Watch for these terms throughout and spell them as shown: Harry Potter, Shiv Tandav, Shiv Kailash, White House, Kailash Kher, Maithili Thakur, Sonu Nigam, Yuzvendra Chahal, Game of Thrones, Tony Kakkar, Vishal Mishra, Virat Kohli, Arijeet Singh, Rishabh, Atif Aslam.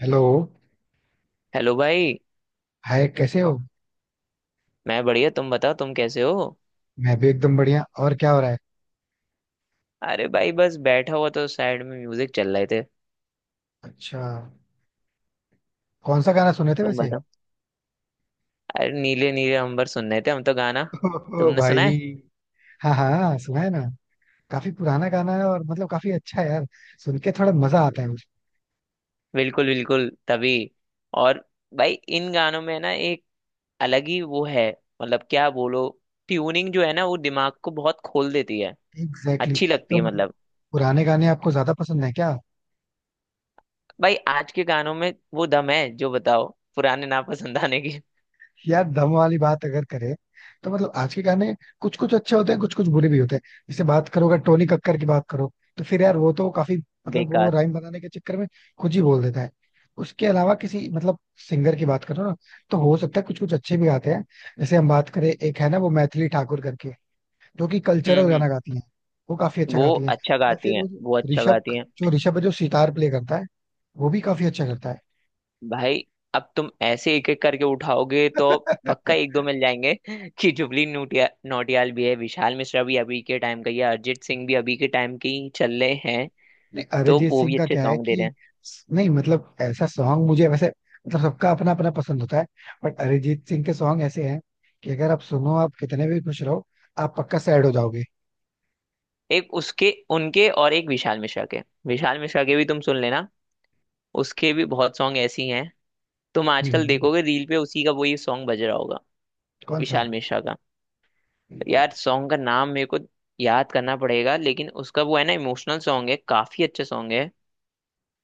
Hello. Hello भाई। Hi, कैसे हो? मैं बढ़िया, तुम बताओ, तुम कैसे हो? मैं भी एकदम बढ़िया. और क्या हो रहा है? अरे भाई, बस बैठा हुआ तो साइड में म्यूजिक चल रहे थे। अच्छा. कौन सा गाना सुने थे तुम वैसे? बताओ। अरे नीले नीले अंबर सुन रहे थे हम तो गाना। ओहो तुमने सुना भाई. है? हाँ हाँ, सुना है ना. काफी पुराना गाना है और मतलब काफी अच्छा है यार. सुन के थोड़ा मजा आता है मुझे. बिल्कुल बिल्कुल तभी। और भाई इन गानों में ना एक अलग ही वो है, मतलब क्या बोलो, ट्यूनिंग जो है ना वो दिमाग को बहुत खोल देती है। एग्जैक्टली अच्छी exactly. लगती तो है मतलब मतलब। पुराने गाने आपको ज्यादा पसंद है क्या? भाई आज के गानों में वो दम है जो बताओ, पुराने नापसंद आने की। यार, दम वाली बात अगर करें तो मतलब आज के गाने कुछ कुछ अच्छे होते हैं, कुछ कुछ बुरे भी होते हैं. जैसे बात करो, अगर टोनी कक्कर की बात करो तो फिर यार वो तो काफी मतलब वो बेकार। राइम बनाने के चक्कर में खुद ही बोल देता है. उसके अलावा किसी मतलब सिंगर की बात करो ना, तो हो सकता है कुछ कुछ अच्छे भी गाते हैं. जैसे हम बात करें, एक है ना वो मैथिली ठाकुर करके, जो कि कल्चरल हम्म। गाना गाती है. वो काफी अच्छा वो गाती है. अच्छा या गाती फिर हैं, वो जो वो अच्छा ऋषभ, गाती हैं। जो ऋषभ है जो सितार प्ले करता है, वो भी काफी अच्छा करता भाई अब तुम ऐसे एक एक करके उठाओगे तो है. पक्का एक दो मिल जाएंगे कि जुबली नोटिया नौटियाल भी है, विशाल मिश्रा भी अभी के टाइम का ही है, अरिजीत सिंह भी अभी के टाइम के ही चल रहे हैं, नहीं, तो अरिजीत वो सिंह भी का अच्छे क्या है सॉन्ग दे रहे कि हैं। नहीं मतलब ऐसा सॉन्ग मुझे वैसे मतलब सबका अपना अपना पसंद होता है. बट अरिजीत सिंह के सॉन्ग ऐसे हैं कि अगर आप सुनो, आप कितने भी खुश रहो, आप पक्का सैड हो जाओगे. एक उसके उनके और एक विशाल मिश्रा के, विशाल मिश्रा के भी तुम सुन लेना, उसके भी बहुत सॉन्ग ऐसे ही हैं। तुम आजकल हम्म. देखोगे रील पे उसी का वही सॉन्ग बज रहा होगा। कौन सा? विशाल मिश्रा का। यार सॉन्ग का नाम मेरे को याद करना पड़ेगा, लेकिन उसका वो है ना, इमोशनल सॉन्ग है, काफी अच्छा सॉन्ग है।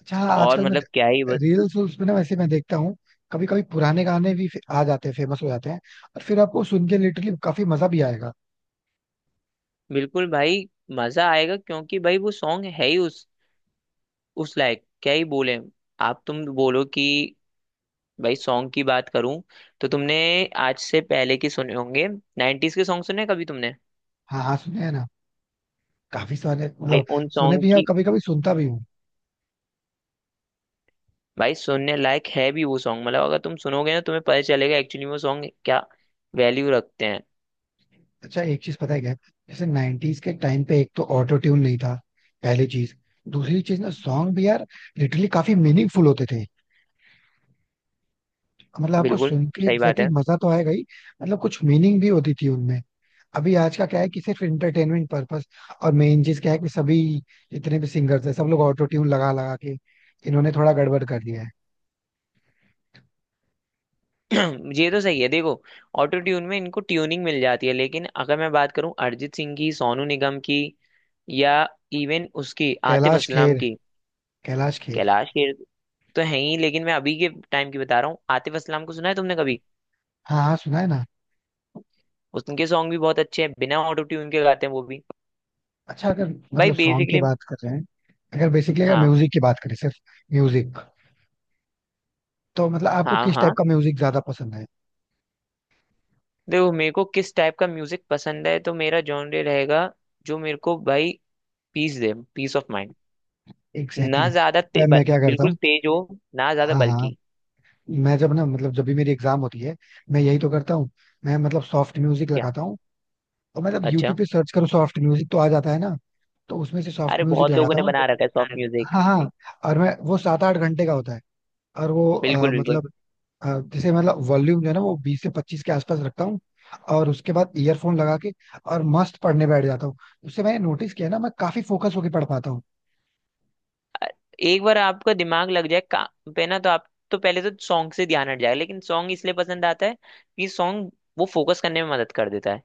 अच्छा. हाँ, और आजकल मैं मतलब क्या ही। रील्स वील्स में ना वैसे मैं देखता हूँ. कभी कभी पुराने गाने भी आ जाते हैं, फेमस हो जाते हैं. और फिर आपको सुन के लिटरली काफी मजा भी आएगा. बिल्कुल भाई। मजा आएगा, क्योंकि भाई वो सॉन्ग है ही उस लायक, क्या ही बोले। आप तुम बोलो कि भाई सॉन्ग की बात करूं, तो तुमने आज से पहले की सुने होंगे? 90s के सॉन्ग सुने कभी तुमने? हाँ हाँ, सुने हैं ना. काफी सारे भाई मतलब उन सुने सॉन्ग भी हैं और की, कभी कभी सुनता भी हूँ. भाई सुनने लायक है भी वो सॉन्ग। मतलब अगर तुम सुनोगे ना तुम्हें पता चलेगा एक्चुअली वो सॉन्ग क्या वैल्यू रखते हैं। अच्छा, एक चीज पता है क्या है? जैसे 90s के टाइम पे एक तो ऑटो ट्यून नहीं था, पहली चीज. दूसरी चीज ना, सॉन्ग भी यार लिटरली काफी मीनिंगफुल होते थे. मतलब आपको बिल्कुल, सुन के सही बात एग्जैक्टली है। exactly मजा तो आएगा ही. मतलब कुछ मीनिंग भी होती थी उनमें. अभी आज का क्या है कि सिर्फ एंटरटेनमेंट पर्पस. और मेन चीज क्या है कि सभी जितने भी सिंगर्स हैं, सब लोग ऑटो ट्यून लगा लगा के इन्होंने थोड़ा गड़बड़ कर दिया है. ये तो सही है, देखो ऑटो ट्यून में इनको ट्यूनिंग मिल जाती है, लेकिन अगर मैं बात करूं अरिजीत सिंह की, सोनू निगम की, या इवन उसकी आतिफ कैलाश असलाम खेर. की, कैलाश खेर. कैलाश खेर तो है ही, लेकिन मैं अभी के टाइम की बता रहा हूँ। आतिफ असलाम को सुना है तुमने कभी? हाँ हाँ, सुना है ना. उनके सॉन्ग भी बहुत अच्छे हैं, बिना ऑटो ट्यून के गाते हैं वो भी। अच्छा, अगर भाई मतलब सॉन्ग की बेसिकली, बात कर रहे हैं, अगर बेसिकली अगर हाँ म्यूजिक की बात करें, सिर्फ म्यूजिक, तो मतलब आपको हाँ किस टाइप हाँ, का म्यूजिक ज्यादा पसंद है? देखो मेरे को किस टाइप का म्यूजिक पसंद है तो मेरा जॉनर रहेगा, जो मेरे को भाई पीस दे, पीस ऑफ माइंड। ना एग्जैक्टली ज्यादा exactly. मैं क्या करता बिल्कुल हूँ, तेज हो, ना ज्यादा हाँ हाँ, बल्कि। मैं जब ना मतलब जब भी मेरी एग्जाम होती है, मैं यही तो करता हूँ. मैं मतलब सॉफ्ट म्यूजिक क्या? लगाता हूँ. और मतलब अच्छा। यूट्यूब पे सर्च करो सॉफ्ट म्यूजिक तो आ जाता है ना. तो उसमें से सॉफ्ट अरे म्यूजिक बहुत लोगों लगाता ने हूँ. बना रखा है सॉफ्ट म्यूजिक। हाँ हाँ. और मैं वो 7 8 घंटे का होता है. और वो बिल्कुल बिल्कुल। मतलब अ, जैसे मतलब वॉल्यूम जो है ना वो 20 से 25 के आसपास रखता हूँ. और उसके बाद ईयरफोन लगा के और मस्त पढ़ने बैठ जाता हूँ. उससे मैंने नोटिस किया ना, मैं काफी फोकस होके पढ़ पाता हूँ. अ- एक बार आपका दिमाग लग जाए काम पे ना, तो आप तो पहले तो सॉन्ग से ध्यान हट जाएगा, लेकिन सॉन्ग इसलिए पसंद आता है कि सॉन्ग वो फोकस करने में मदद कर देता है।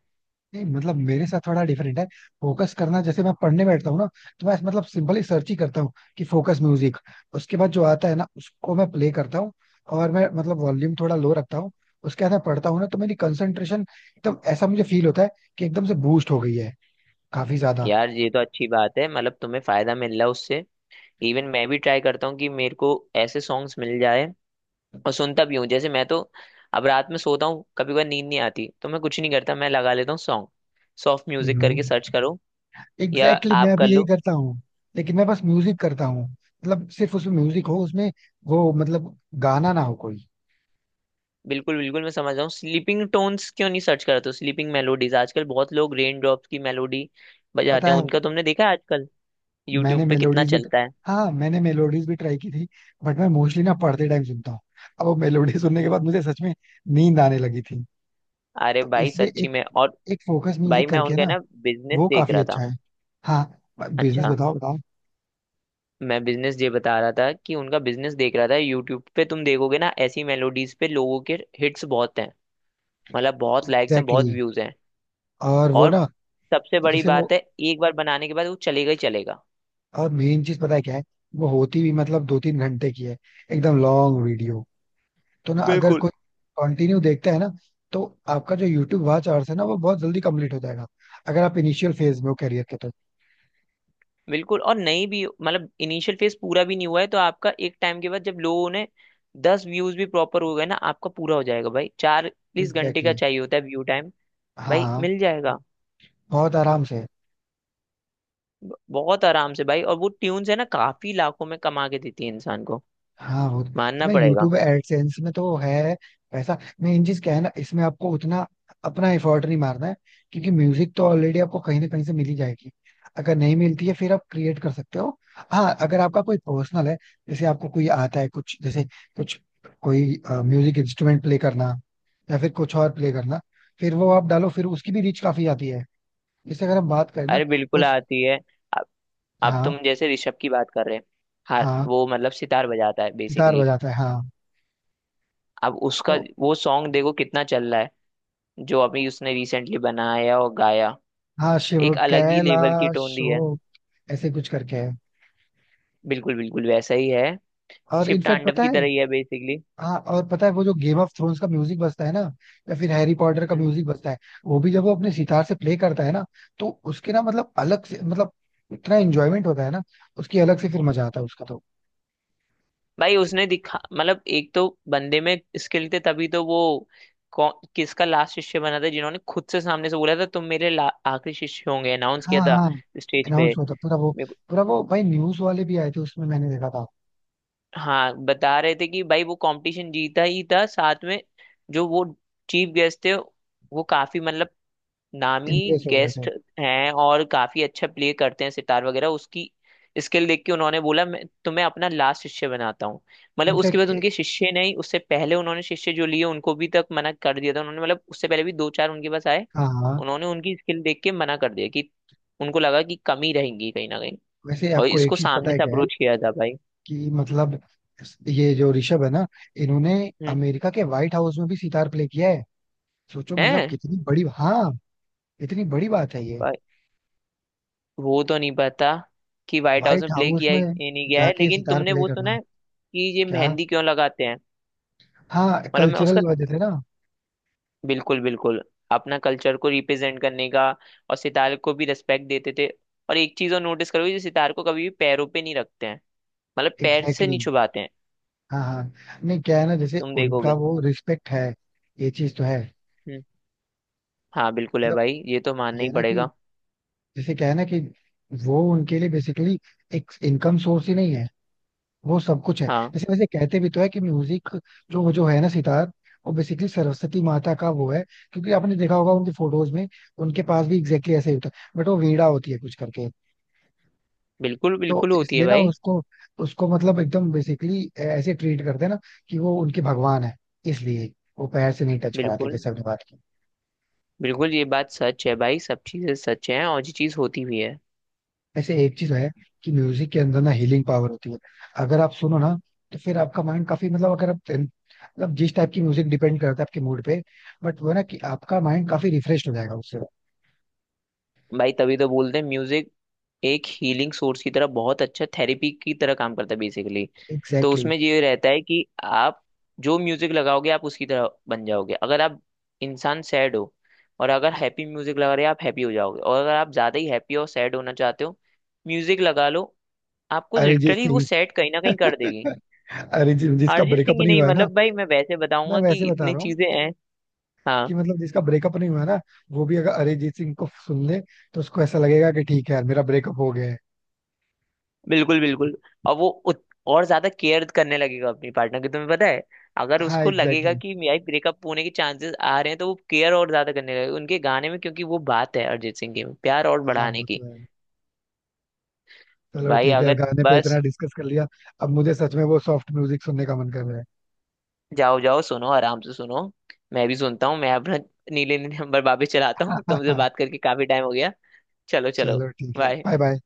नहीं मतलब मेरे साथ थोड़ा डिफरेंट है. फोकस करना जैसे मैं पढ़ने बैठता हूँ ना, तो मैं मतलब सिंपली सर्च ही करता हूँ कि फोकस म्यूजिक. उसके बाद जो आता है ना, उसको मैं प्ले करता हूँ. और मैं मतलब वॉल्यूम थोड़ा लो रखता हूँ. उसके बाद मैं पढ़ता हूँ ना, तो मेरी कंसंट्रेशन एकदम ऐसा मुझे फील होता है कि एकदम से बूस्ट हो गई है, काफी ज्यादा. यार ये तो अच्छी बात है, मतलब तुम्हें फायदा मिल रहा है उससे। इवन मैं भी ट्राई करता हूँ कि मेरे को ऐसे सॉन्ग्स मिल जाए और सुनता भी हूँ। जैसे मैं तो अब रात में सोता हूँ, कभी कभी नींद नहीं आती तो मैं कुछ नहीं करता, मैं लगा लेता हूँ सॉन्ग, सॉफ्ट म्यूजिक करके सर्च एग्जैक्टली करो या exactly, आप मैं कर भी यही लो। करता हूँ. लेकिन मैं बस म्यूजिक करता हूँ, मतलब सिर्फ उसमें म्यूजिक हो उसमें, वो मतलब गाना ना हो कोई. बिल्कुल बिल्कुल, मैं समझ रहा हूँ। स्लीपिंग टोन्स क्यों नहीं सर्च करा, तो स्लीपिंग मेलोडीज आजकल बहुत लोग रेन ड्रॉप्स की मेलोडी पता बजाते हैं। है, उनका तुमने देखा है आजकल यूट्यूब मैंने पे कितना मेलोडीज भी, चलता है? हाँ मैंने मेलोडीज भी ट्राई की थी. बट मैं मोस्टली ना पढ़ते टाइम सुनता हूँ. अब वो मेलोडी सुनने के बाद मुझे सच में नींद आने लगी थी. अरे तो भाई इसलिए सच्ची एक में। और एक फोकस भाई म्यूजिक मैं करके उनका ना, ना बिजनेस वो देख काफी रहा था। अच्छा है. हाँ, बिजनेस अच्छा, बताओ बताओ. मैं बिजनेस ये बता रहा था कि उनका बिजनेस देख रहा था, यूट्यूब पे तुम देखोगे ना ऐसी मेलोडीज पे लोगों के हिट्स बहुत हैं, मतलब बहुत लाइक्स हैं, एग्जैक्टली बहुत exactly. व्यूज हैं। और वो और ना, सबसे बड़ी जैसे वो, बात है, एक बार बनाने के बाद वो चलेगा ही चलेगा। और मेन चीज पता है क्या है, वो होती भी मतलब 2 3 घंटे की है, एकदम लॉन्ग वीडियो. तो ना अगर कोई कंटिन्यू देखता है ना, तो आपका जो यूट्यूब वॉच आवर्स है ना, वो बहुत जल्दी कंप्लीट हो जाएगा, अगर आप इनिशियल फेज में हो करियर के तो. बिल्कुल, और नहीं भी, मतलब इनिशियल फेज पूरा भी नहीं हुआ है तो आपका एक टाइम के बाद जब लोगों ने 10 व्यूज भी प्रॉपर हो गए ना आपका पूरा हो जाएगा भाई, 40 घंटे का एग्जैक्टली. चाहिए होता है व्यू टाइम। भाई हाँ. मिल जाएगा। बहुत आराम से. बहुत आराम से भाई, और वो ट्यून्स है ना काफी लाखों में कमा के देती है इंसान को, हाँ बहुत. मानना इसमें पड़ेगा। यूट्यूब एडसेंस में तो है पैसा. मेन चीज क्या है ना, इसमें आपको उतना अपना एफर्ट नहीं मारना है. क्योंकि म्यूजिक तो ऑलरेडी आपको कहीं ना कहीं से मिल ही जाएगी. अगर नहीं मिलती है, फिर आप क्रिएट कर सकते हो. हाँ अगर आपका कोई प्रोफेशनल है, जैसे आपको कोई आता है कुछ, जैसे कुछ, कोई म्यूजिक इंस्ट्रूमेंट प्ले करना, या फिर कुछ और प्ले करना, फिर वो आप डालो, फिर उसकी भी रीच काफी आती है. जैसे अगर हम बात करें ना, अरे वो, बिल्कुल आती है। अब अब तुम हाँ जैसे ऋषभ की बात कर रहे हैं। हाँ हाँ वो मतलब सितार बजाता है सितार बेसिकली। बजाता है, हाँ. अब उसका तो वो सॉन्ग देखो कितना चल रहा है, जो अभी उसने रिसेंटली बनाया और गाया, हाँ शिव, एक अलग ही लेवल की टोन कैलाश दी है। हो, ऐसे कुछ करके है. बिल्कुल बिल्कुल, वैसा ही है, और शिव इनफैक्ट तांडव पता की है, तरह ही है बेसिकली। हाँ और पता है वो जो गेम ऑफ थ्रोन्स का म्यूजिक बजता है ना, या फिर हैरी पॉटर का म्यूजिक बजता है, वो भी जब वो अपने सितार से प्ले करता है ना, तो उसके ना मतलब अलग से मतलब इतना एंजॉयमेंट होता है ना, उसकी अलग से फिर मजा आता है उसका तो. भाई उसने दिखा, मतलब एक तो बंदे में स्किल थे, तभी तो वो किसका लास्ट शिष्य बना था, जिन्होंने खुद से सामने से बोला था तुम मेरे आखिरी शिष्य होंगे, अनाउंस किया हाँ था हाँ. स्टेज पे। अनाउंस होता पूरा वो. मेरे को- पूरा वो भाई, न्यूज वाले भी आए थे, उसमें मैंने देखा था. हाँ बता रहे थे कि भाई वो कंपटीशन जीता ही था साथ में, जो वो चीफ गेस्ट थे वो काफी मतलब नामी इम्प्रेस हो गए थे. गेस्ट हैं और काफी अच्छा प्ले करते हैं सितार वगैरह। उसकी स्किल देख के उन्होंने बोला मैं तुम्हें अपना लास्ट शिष्य बनाता हूँ, मतलब उसके बाद इनफैक्ट. उनके शिष्य नहीं, उससे पहले उन्होंने शिष्य जो लिए उनको भी तक मना कर दिया था उन्होंने, मतलब उससे पहले भी दो चार उनके पास आए, हाँ हाँ. उन्होंने उनकी स्किल देख के मना कर दिया कि उनको लगा कि कमी रहेंगी कहीं ना कहीं, वैसे और आपको एक इसको चीज पता सामने है से क्या है, अप्रोच किया था भाई। कि मतलब ये जो ऋषभ है ना, इन्होंने हम्म। अमेरिका के व्हाइट हाउस में भी सितार प्ले किया है. सोचो मतलब है कितनी बड़ी, हाँ, इतनी बड़ी बात है ये. भाई, वो तो नहीं पता कि व्हाइट हाउस व्हाइट में प्ले हाउस किया है में कि नहीं गया है, जाके लेकिन सितार तुमने प्ले वो सुना करना. है कि ये क्या? मेहंदी क्यों लगाते हैं? हाँ मतलब मैं उसका, कल्चरल वजह से ना. बिल्कुल बिल्कुल, अपना कल्चर को रिप्रेजेंट करने का, और सितार को भी रिस्पेक्ट देते थे, और एक चीज और नोटिस करोगे जो सितार को कभी भी पैरों पे नहीं रखते हैं, मतलब पैर से एग्जैक्टली नहीं exactly. छुपाते हैं, हाँ हाँ, नहीं, क्या है ना, जैसे तुम उनका देखोगे। वो रिस्पेक्ट है, ये चीज तो है. हम्म। हाँ बिल्कुल है मतलब भाई, ये तो मानना ये ही है ना कि पड़ेगा। जैसे क्या है ना कि वो उनके लिए बेसिकली एक इनकम सोर्स ही नहीं है, वो सब कुछ है. हाँ जैसे वैसे कहते भी तो है कि म्यूजिक जो जो है ना, सितार, वो बेसिकली सरस्वती माता का वो है. क्योंकि आपने देखा होगा उनकी फोटोज में उनके पास भी एग्जैक्टली ऐसे ही होता है, बट वो वीणा होती है कुछ करके. बिल्कुल तो बिल्कुल होती है इसलिए ना भाई। उसको, उसको मतलब एकदम बेसिकली ऐसे ट्रीट करते हैं ना कि वो उनके भगवान है. इसलिए वो पैर से नहीं टच कराते, बिल्कुल जैसे आपने बात की. बिल्कुल ये बात सच है भाई, सब चीजें सच हैं, और ये चीज होती भी है। वैसे एक चीज है कि म्यूजिक के अंदर ना हीलिंग पावर होती है. अगर आप सुनो ना, तो फिर आपका माइंड काफी मतलब, अगर आप मतलब जिस टाइप की म्यूजिक, डिपेंड करता है आपके मूड पे, बट वो ना कि आपका माइंड काफी रिफ्रेश हो जाएगा उससे. भाई तभी तो बोलते हैं म्यूजिक एक हीलिंग सोर्स की तरह, बहुत अच्छा थेरेपी की तरह काम करता है बेसिकली। तो एग्जैक्टली exactly. उसमें ये रहता है कि आप जो म्यूजिक लगाओगे आप उसकी तरह बन जाओगे, अगर आप इंसान सैड हो और अगर हैप्पी म्यूजिक लगा रहे हो आप हैप्पी हो जाओगे, और अगर आप ज्यादा ही हैप्पी और सैड होना चाहते हो म्यूजिक लगा लो आपको अरिजीत लिटरली वो सिंह. सैड कहीं ना कहीं कर देगी। अरिजीत जिसका अरिजीत सिंह ब्रेकअप ही नहीं नहीं, हुआ है ना, मतलब भाई मैं वैसे मैं बताऊंगा कि वैसे बता इतनी रहा हूँ चीजें हैं। हाँ। कि मतलब जिसका ब्रेकअप नहीं हुआ है ना, वो भी अगर अरिजीत सिंह को सुन ले, तो उसको ऐसा लगेगा कि ठीक है यार मेरा ब्रेकअप हो गया है. बिल्कुल बिल्कुल, और वो और ज्यादा केयर करने लगेगा अपनी पार्टनर की, तुम्हें पता है अगर हाँ उसको लगेगा एग्जैक्टली कि मेरा ब्रेकअप होने के चांसेस आ रहे हैं तो वो केयर और ज्यादा करने लगेगा उनके गाने में, क्योंकि वो बात है अरिजीत सिंह की प्यार और exactly. हाँ बढ़ाने वो की। तो है. चलो भाई ठीक है यार, अगर गाने पे इतना बस, डिस्कस कर लिया. अब मुझे सच में वो सॉफ्ट म्यूजिक सुनने का मन कर रहा जाओ जाओ सुनो आराम से सुनो, मैं भी सुनता हूँ मैं अपना नीले नीले नंबर वापस चलाता हूँ, तुमसे है. बात करके काफी टाइम हो गया। चलो चलो। चलो ठीक है, बाय। Bye bye.